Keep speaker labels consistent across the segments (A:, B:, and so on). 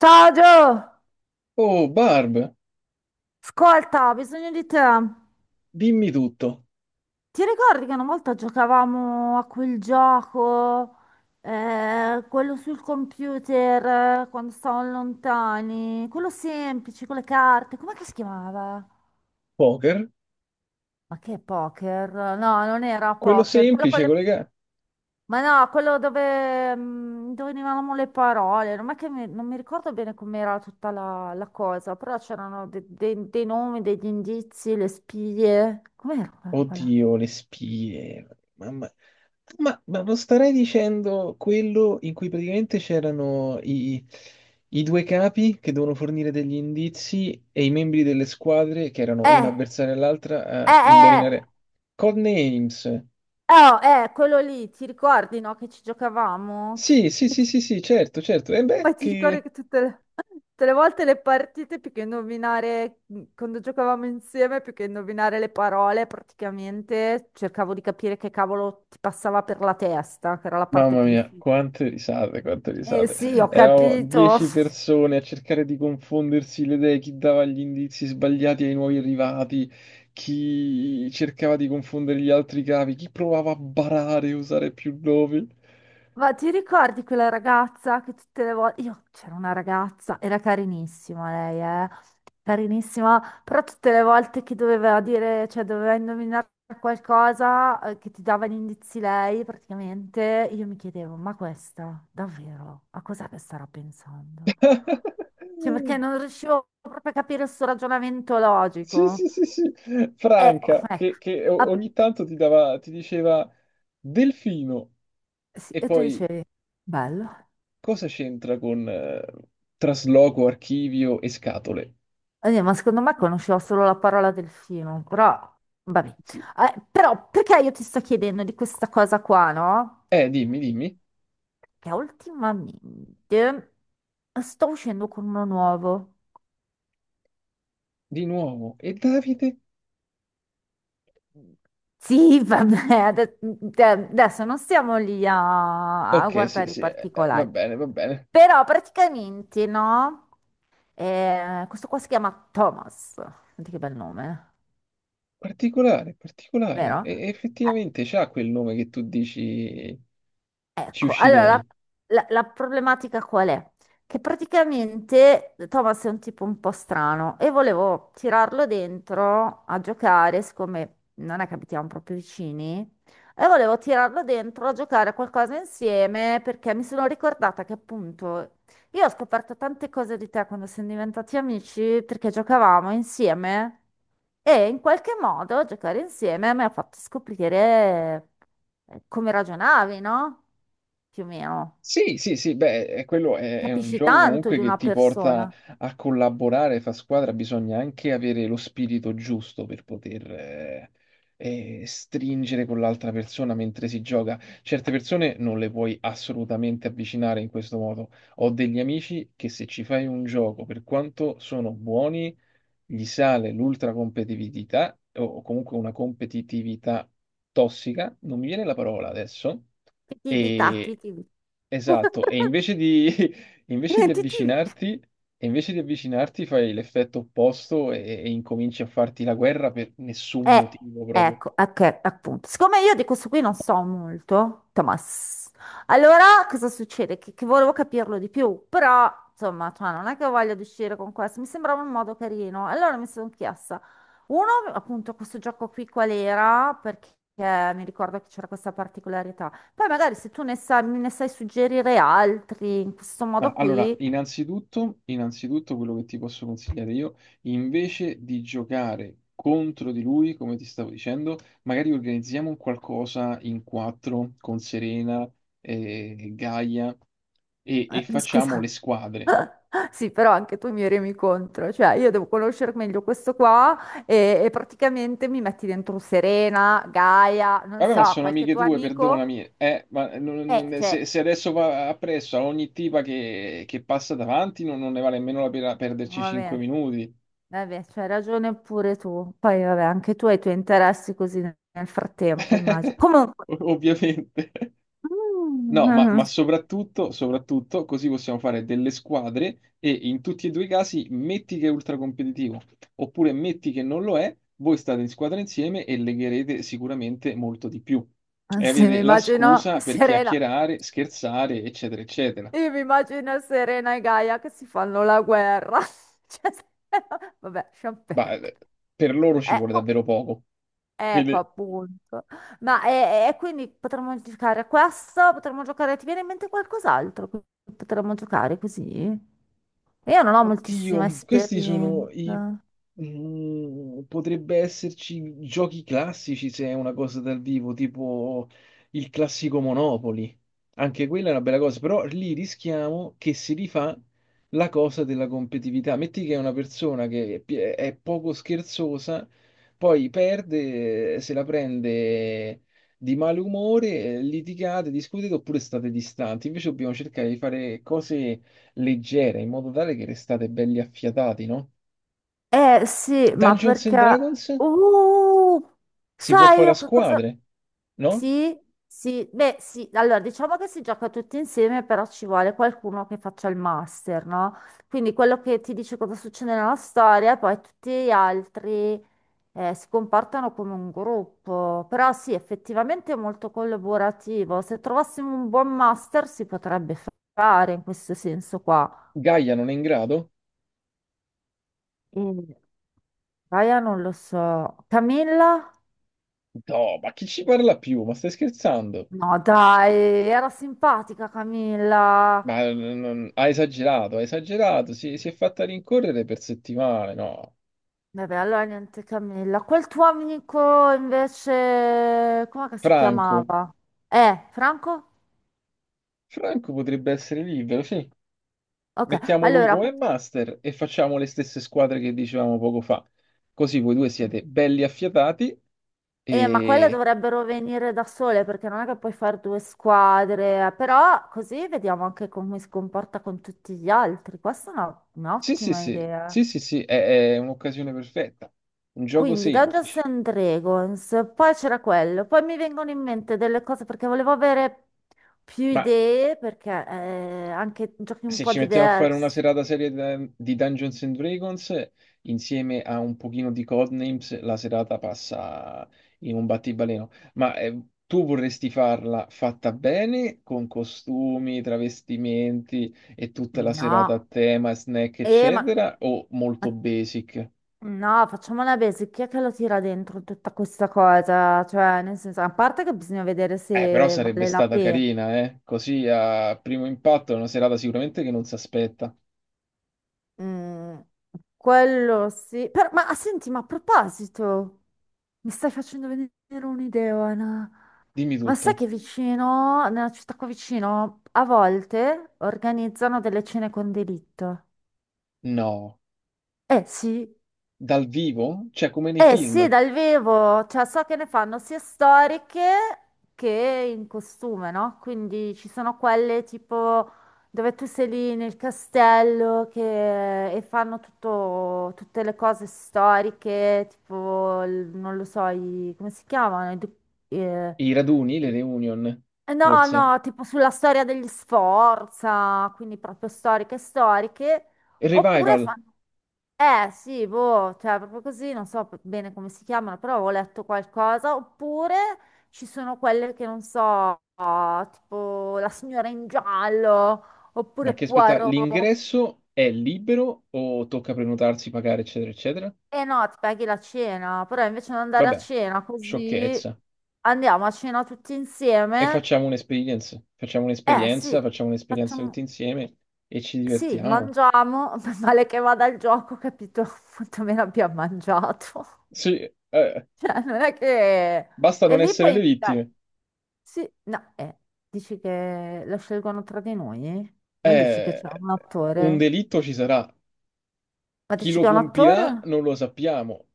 A: Ciao Gio,
B: Oh, Barb,
A: ascolta, ho bisogno di te.
B: dimmi tutto.
A: Ti ricordi che una volta giocavamo a quel gioco, quello sul computer, quando stavamo lontani, quello semplice, con le carte, com'è che si chiamava?
B: Poker?
A: Ma che poker? No, non era
B: Quello
A: poker, quello con
B: semplice,
A: le...
B: collega.
A: Ma no, quello dove, dove venivano le parole, non mi ricordo bene com'era tutta la cosa, però c'erano dei nomi, degli indizi, le spie. Com'era quella roba là?
B: Oddio, le spie. Mamma. Ma non starei dicendo quello in cui praticamente c'erano i due capi che devono fornire degli indizi e i membri delle squadre, che erano una
A: Eh,
B: avversaria
A: eh,
B: all'altra, a
A: eh,
B: indovinare Codenames.
A: oh, quello lì, ti ricordi, no, che ci giocavamo?
B: Sì, sì, sì, sì, sì, certo, certo. E beh,
A: Poi ti ricordi
B: che
A: che tutte le volte le partite, più che indovinare, quando giocavamo insieme, più che indovinare le parole, praticamente cercavo di capire che cavolo ti passava per la testa, che era la parte
B: Mamma
A: più
B: mia,
A: difficile.
B: quante risate, quante
A: Eh
B: risate.
A: sì, ho
B: Eravamo
A: capito.
B: dieci persone a cercare di confondersi le idee, chi dava gli indizi sbagliati ai nuovi arrivati, chi cercava di confondere gli altri capi, chi provava a barare e usare più nomi.
A: Ma ti ricordi quella ragazza che tutte le volte... Io c'era una ragazza, era carinissima lei, eh? Carinissima, però tutte le volte che doveva dire, cioè doveva indovinare qualcosa che ti dava gli indizi lei, praticamente, io mi chiedevo, ma questa, davvero, a cos'è che starà pensando? Cioè perché non riuscivo proprio a capire il suo ragionamento
B: Sì,
A: logico.
B: sì, sì, sì.
A: E ecco,
B: Franca, che
A: app-
B: ogni tanto ti diceva Delfino,
A: sì,
B: e
A: e tu
B: poi
A: dicevi, bello.
B: cosa c'entra con trasloco, archivio e scatole?
A: Ma secondo me conoscevo solo la parola delfino, però vabbè. Però perché io ti sto chiedendo di questa cosa qua, no?
B: Dimmi, dimmi.
A: Che ultimamente sto uscendo con uno nuovo.
B: Di nuovo, e Davide?
A: Sì, vabbè, cioè, adesso non stiamo lì a
B: Ok, sì,
A: guardare i
B: sì, va
A: particolari.
B: bene, va bene.
A: Però praticamente, no? Questo qua si chiama Thomas. Senti che bel nome, eh.
B: Particolare, particolare.
A: Vero?
B: E
A: Eh,
B: effettivamente c'ha quel nome che tu dici, ci
A: Ecco, allora
B: uscirei.
A: la problematica qual è? Che praticamente Thomas è un tipo un po' strano e volevo tirarlo dentro a giocare, siccome non è che abitiamo proprio vicini, e volevo tirarlo dentro a giocare a qualcosa insieme perché mi sono ricordata che appunto io ho scoperto tante cose di te quando siamo diventati amici perché giocavamo insieme. E in qualche modo giocare insieme mi ha fatto scoprire come ragionavi, no? Più o meno.
B: Sì, sì, sì, beh, quello è un
A: Capisci
B: gioco
A: tanto di
B: comunque che
A: una
B: ti porta
A: persona.
B: a collaborare, fa squadra, bisogna anche avere lo spirito giusto per poter stringere con l'altra persona mentre si gioca. Certe persone non le puoi assolutamente avvicinare in questo modo. Ho degli amici che, se ci fai un gioco, per quanto sono buoni, gli sale l'ultracompetitività o comunque una competitività tossica, non mi viene la parola adesso,
A: Ti tivi, ta, ti
B: e
A: tivi.
B: esatto, invece di
A: Ti tivi.
B: avvicinarti, invece di avvicinarti, fai l'effetto opposto, e incominci a farti la guerra per nessun
A: Eh,
B: motivo proprio.
A: ecco, ok, appunto. Siccome io di questo qui non so molto, Thomas, allora cosa succede? Che volevo capirlo di più, però insomma, cioè, non è che voglio uscire con questo, mi sembrava un modo carino. Allora mi sono chiesta, uno, appunto, questo gioco qui qual era? Perché mi ricordo che c'era questa particolarità. Poi magari se tu ne sai, me ne sai suggerire altri in questo
B: Ah,
A: modo
B: allora,
A: qui,
B: innanzitutto quello che ti posso consigliare io, invece di giocare contro di lui, come ti stavo dicendo, magari organizziamo un qualcosa in quattro con Serena, Gaia e facciamo le
A: scusa.
B: squadre.
A: Sì, però anche tu mi remi contro, cioè io devo conoscere meglio questo qua e praticamente mi metti dentro Serena, Gaia, non
B: Vabbè, ma
A: so,
B: sono
A: qualche
B: amiche
A: tuo
B: tue,
A: amico.
B: perdonami. Ma
A: Cioè,
B: se adesso va appresso a ogni tipa che passa davanti, non ne vale nemmeno la pena perderci cinque
A: vabbè,
B: minuti.
A: vabbè, c'hai ragione pure tu. Poi, vabbè, anche tu hai i tuoi interessi così nel frattempo, immagino. Comunque,
B: Ovviamente. No, ma
A: mm,
B: soprattutto, soprattutto così possiamo fare delle squadre, e in tutti e due i casi, metti che è ultracompetitivo oppure metti che non lo è, voi state in squadra insieme e legherete sicuramente molto di più. E
A: se mi
B: avete la
A: immagino
B: scusa per
A: Serena,
B: chiacchierare, scherzare, eccetera, eccetera.
A: io mi immagino Serena e Gaia che si fanno la guerra. Cioè, vabbè, lasciamo
B: Ma
A: perdere.
B: per loro ci
A: Eh,
B: vuole davvero poco.
A: Ecco
B: Quindi
A: appunto. Ma e quindi potremmo giocare a questo, potremmo giocare, ti viene in mente qualcos'altro? Che potremmo giocare così? Io non ho moltissima
B: Oddio, questi sono i...
A: esperienza.
B: mm, potrebbe esserci giochi classici se è una cosa dal vivo, tipo il classico Monopoli. Anche quella è una bella cosa, però lì rischiamo che si rifà la cosa della competitività. Metti che è una persona che è poco scherzosa, poi perde, se la prende di malumore, litigate, discutete, oppure state distanti. Invece dobbiamo cercare di fare cose leggere in modo tale che restate belli affiatati, no?
A: Eh sì, ma
B: Dungeons and
A: perché...
B: Dragons
A: Uh,
B: si può
A: sai
B: fare
A: io
B: a
A: che cosa...
B: squadre, no?
A: Sì, sì, beh sì, allora diciamo che si gioca tutti insieme, però ci vuole qualcuno che faccia il master, no? Quindi quello che ti dice cosa succede nella storia, e poi tutti gli altri si comportano come un gruppo, però sì, effettivamente è molto collaborativo. Se trovassimo un buon master si potrebbe fare in questo senso qua.
B: Gaia non è in grado?
A: E Gaia non lo so. Camilla?
B: No, ma chi ci parla più? Ma stai scherzando?
A: No, dai, era simpatica Camilla.
B: Ma ha esagerato, ha esagerato. Si è fatta rincorrere per settimane, no?
A: Vabbè, allora niente Camilla. Quel tuo amico invece, come si
B: Franco.
A: chiamava? Franco?
B: Franco potrebbe essere libero, sì.
A: Ok,
B: Mettiamo lui
A: allora...
B: come master e facciamo le stesse squadre che dicevamo poco fa. Così voi due siete belli affiatati.
A: Ma quelle
B: e
A: dovrebbero venire da sole perché non è che puoi fare due squadre, però così vediamo anche come si comporta con tutti gli altri. Questa è
B: Sì, sì,
A: un'ottima
B: sì,
A: idea.
B: sì, sì, sì, è un'occasione perfetta. Un gioco
A: Quindi Dungeons
B: semplice.
A: and Dragons, poi c'era quello, poi mi vengono in mente delle cose perché volevo avere più
B: Ma
A: idee perché anche giochi un
B: se
A: po'
B: ci mettiamo a fare una
A: diversi.
B: serata serie di Dungeons and Dragons, insieme a un pochino di Codenames, la serata passa in un battibaleno. Ma tu vorresti farla fatta bene, con costumi, travestimenti e tutta la serata a
A: No,
B: tema, snack,
A: eh, ma,
B: eccetera, o molto
A: ma
B: basic?
A: No, facciamo una base. Chi è che lo tira dentro tutta questa cosa? Cioè, nel senso, a parte che bisogna vedere
B: Però
A: se
B: sarebbe
A: vale la
B: stata
A: pena.
B: carina, eh? Così a primo impatto è una serata sicuramente che non si aspetta.
A: Mm, quello sì. Ma ah, senti, ma a proposito, mi stai facendo venire un'idea, Ana.
B: Dimmi
A: Ma sai
B: tutto.
A: che vicino, nella città qua vicino, a volte organizzano delle cene con delitto?
B: No,
A: Eh sì,
B: dal vivo? Cioè come nei
A: eh sì,
B: film,
A: dal vivo, cioè so che ne fanno sia storiche che in costume, no? Quindi ci sono quelle tipo dove tu sei lì nel castello che... e fanno tutte le cose storiche, tipo, non lo so, come si chiamano? Eh,
B: i raduni, le reunion,
A: No,
B: forse.
A: no, tipo sulla storia degli Sforza, quindi proprio storiche storiche,
B: Il
A: oppure
B: revival,
A: fanno... Eh sì, boh, cioè proprio così, non so bene come si chiamano, però ho letto qualcosa, oppure ci sono quelle che non so, tipo La signora in giallo,
B: ma
A: oppure
B: che spettacolo.
A: Poirot.
B: L'ingresso è libero o tocca prenotarsi, pagare, eccetera, eccetera?
A: Eh no, ti paghi la cena, però invece di andare a
B: Vabbè,
A: cena così,
B: sciocchezza.
A: andiamo a cena tutti
B: E
A: insieme.
B: facciamo un'esperienza. Facciamo
A: Eh sì,
B: un'esperienza, facciamo un'esperienza
A: facciamo...
B: tutti insieme e ci
A: Sì,
B: divertiamo.
A: mangiamo, male che vada il gioco, capito quanto meno abbiamo mangiato.
B: Sì,
A: Cioè, non è che...
B: basta
A: E
B: non
A: lì
B: essere
A: puoi
B: le
A: invitare...
B: vittime.
A: Sì, no, dici che lo scelgono tra di noi? Non dici che
B: Eh,
A: c'è un
B: un
A: attore?
B: delitto ci sarà.
A: Ma
B: Chi
A: dici
B: lo
A: che è un
B: compirà
A: attore?
B: non lo sappiamo.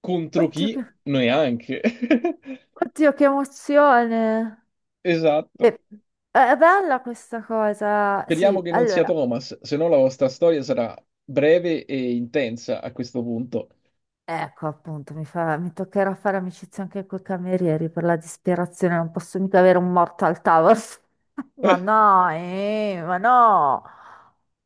B: Contro
A: Oddio, che,
B: chi? Neanche.
A: oddio, che emozione!
B: Esatto.
A: Beh, è bella questa cosa.
B: Speriamo
A: Sì,
B: che non sia
A: allora,
B: Thomas, se no la vostra storia sarà breve e intensa a questo punto.
A: ecco, appunto, mi fa... mi toccherà fare amicizia anche con i camerieri per la disperazione, non posso mica avere un morto al tavolo. Ma no, ma no.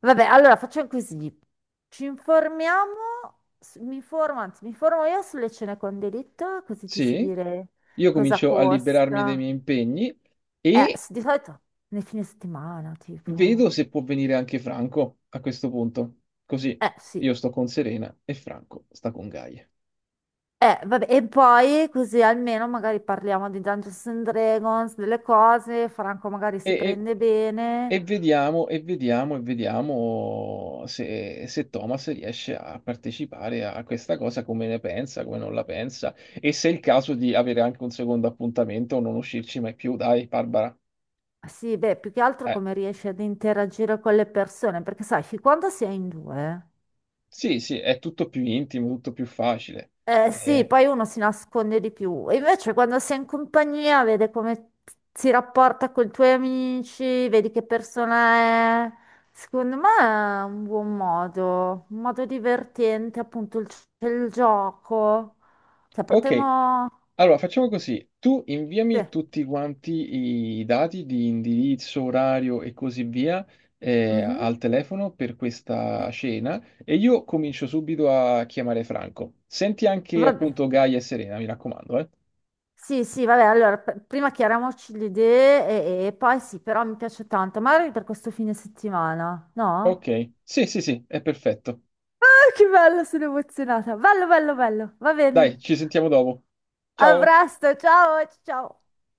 A: Vabbè, allora facciamo così. Ci informiamo, mi informo, anzi, mi informo io sulle cene con delitto, così ti so
B: Sì,
A: dire
B: io
A: cosa
B: comincio a liberarmi dei
A: costa.
B: miei impegni e
A: Di solito nei fine settimana, tipo.
B: vedo se può venire anche Franco a questo punto. Così
A: Sì.
B: io sto con Serena e Franco sta con Gaia.
A: Vabbè, e poi così almeno magari parliamo di Dungeons and Dragons, delle cose, Franco magari
B: E,
A: si
B: e
A: prende bene.
B: e vediamo se Thomas riesce a partecipare a questa cosa, come ne pensa, come non la pensa, e se è il caso di avere anche un secondo appuntamento o non uscirci mai più. Dai, Barbara.
A: Sì, beh, più che altro
B: Eh,
A: come riesci ad interagire con le persone, perché sai, fin quando si è in due.
B: sì, sì, è tutto più intimo, tutto più facile.
A: Eh sì,
B: Eh,
A: poi uno si nasconde di più. E invece quando sei in compagnia, vede come si rapporta con i tuoi amici, vedi che persona è. Secondo me è un buon modo, un modo divertente, appunto il, c'è il gioco. Cioè,
B: ok,
A: potremmo...
B: allora, facciamo così. Tu
A: Sì.
B: inviami tutti quanti i dati di indirizzo, orario e così via
A: Mhm.
B: al telefono per questa cena e io comincio subito a chiamare Franco. Senti anche
A: Va bene.
B: appunto Gaia e Serena, mi raccomando, eh.
A: Sì, sì, vabbè, allora prima chiariamoci le idee e poi sì, però mi piace tanto, magari per questo fine settimana, no?
B: Ok, sì, sì, sì, è perfetto.
A: Ah, che bello, sono emozionata. Bello, bello, bello. Va
B: Dai,
A: bene.
B: ci sentiamo dopo.
A: A
B: Ciao.
A: presto, ciao, ciao.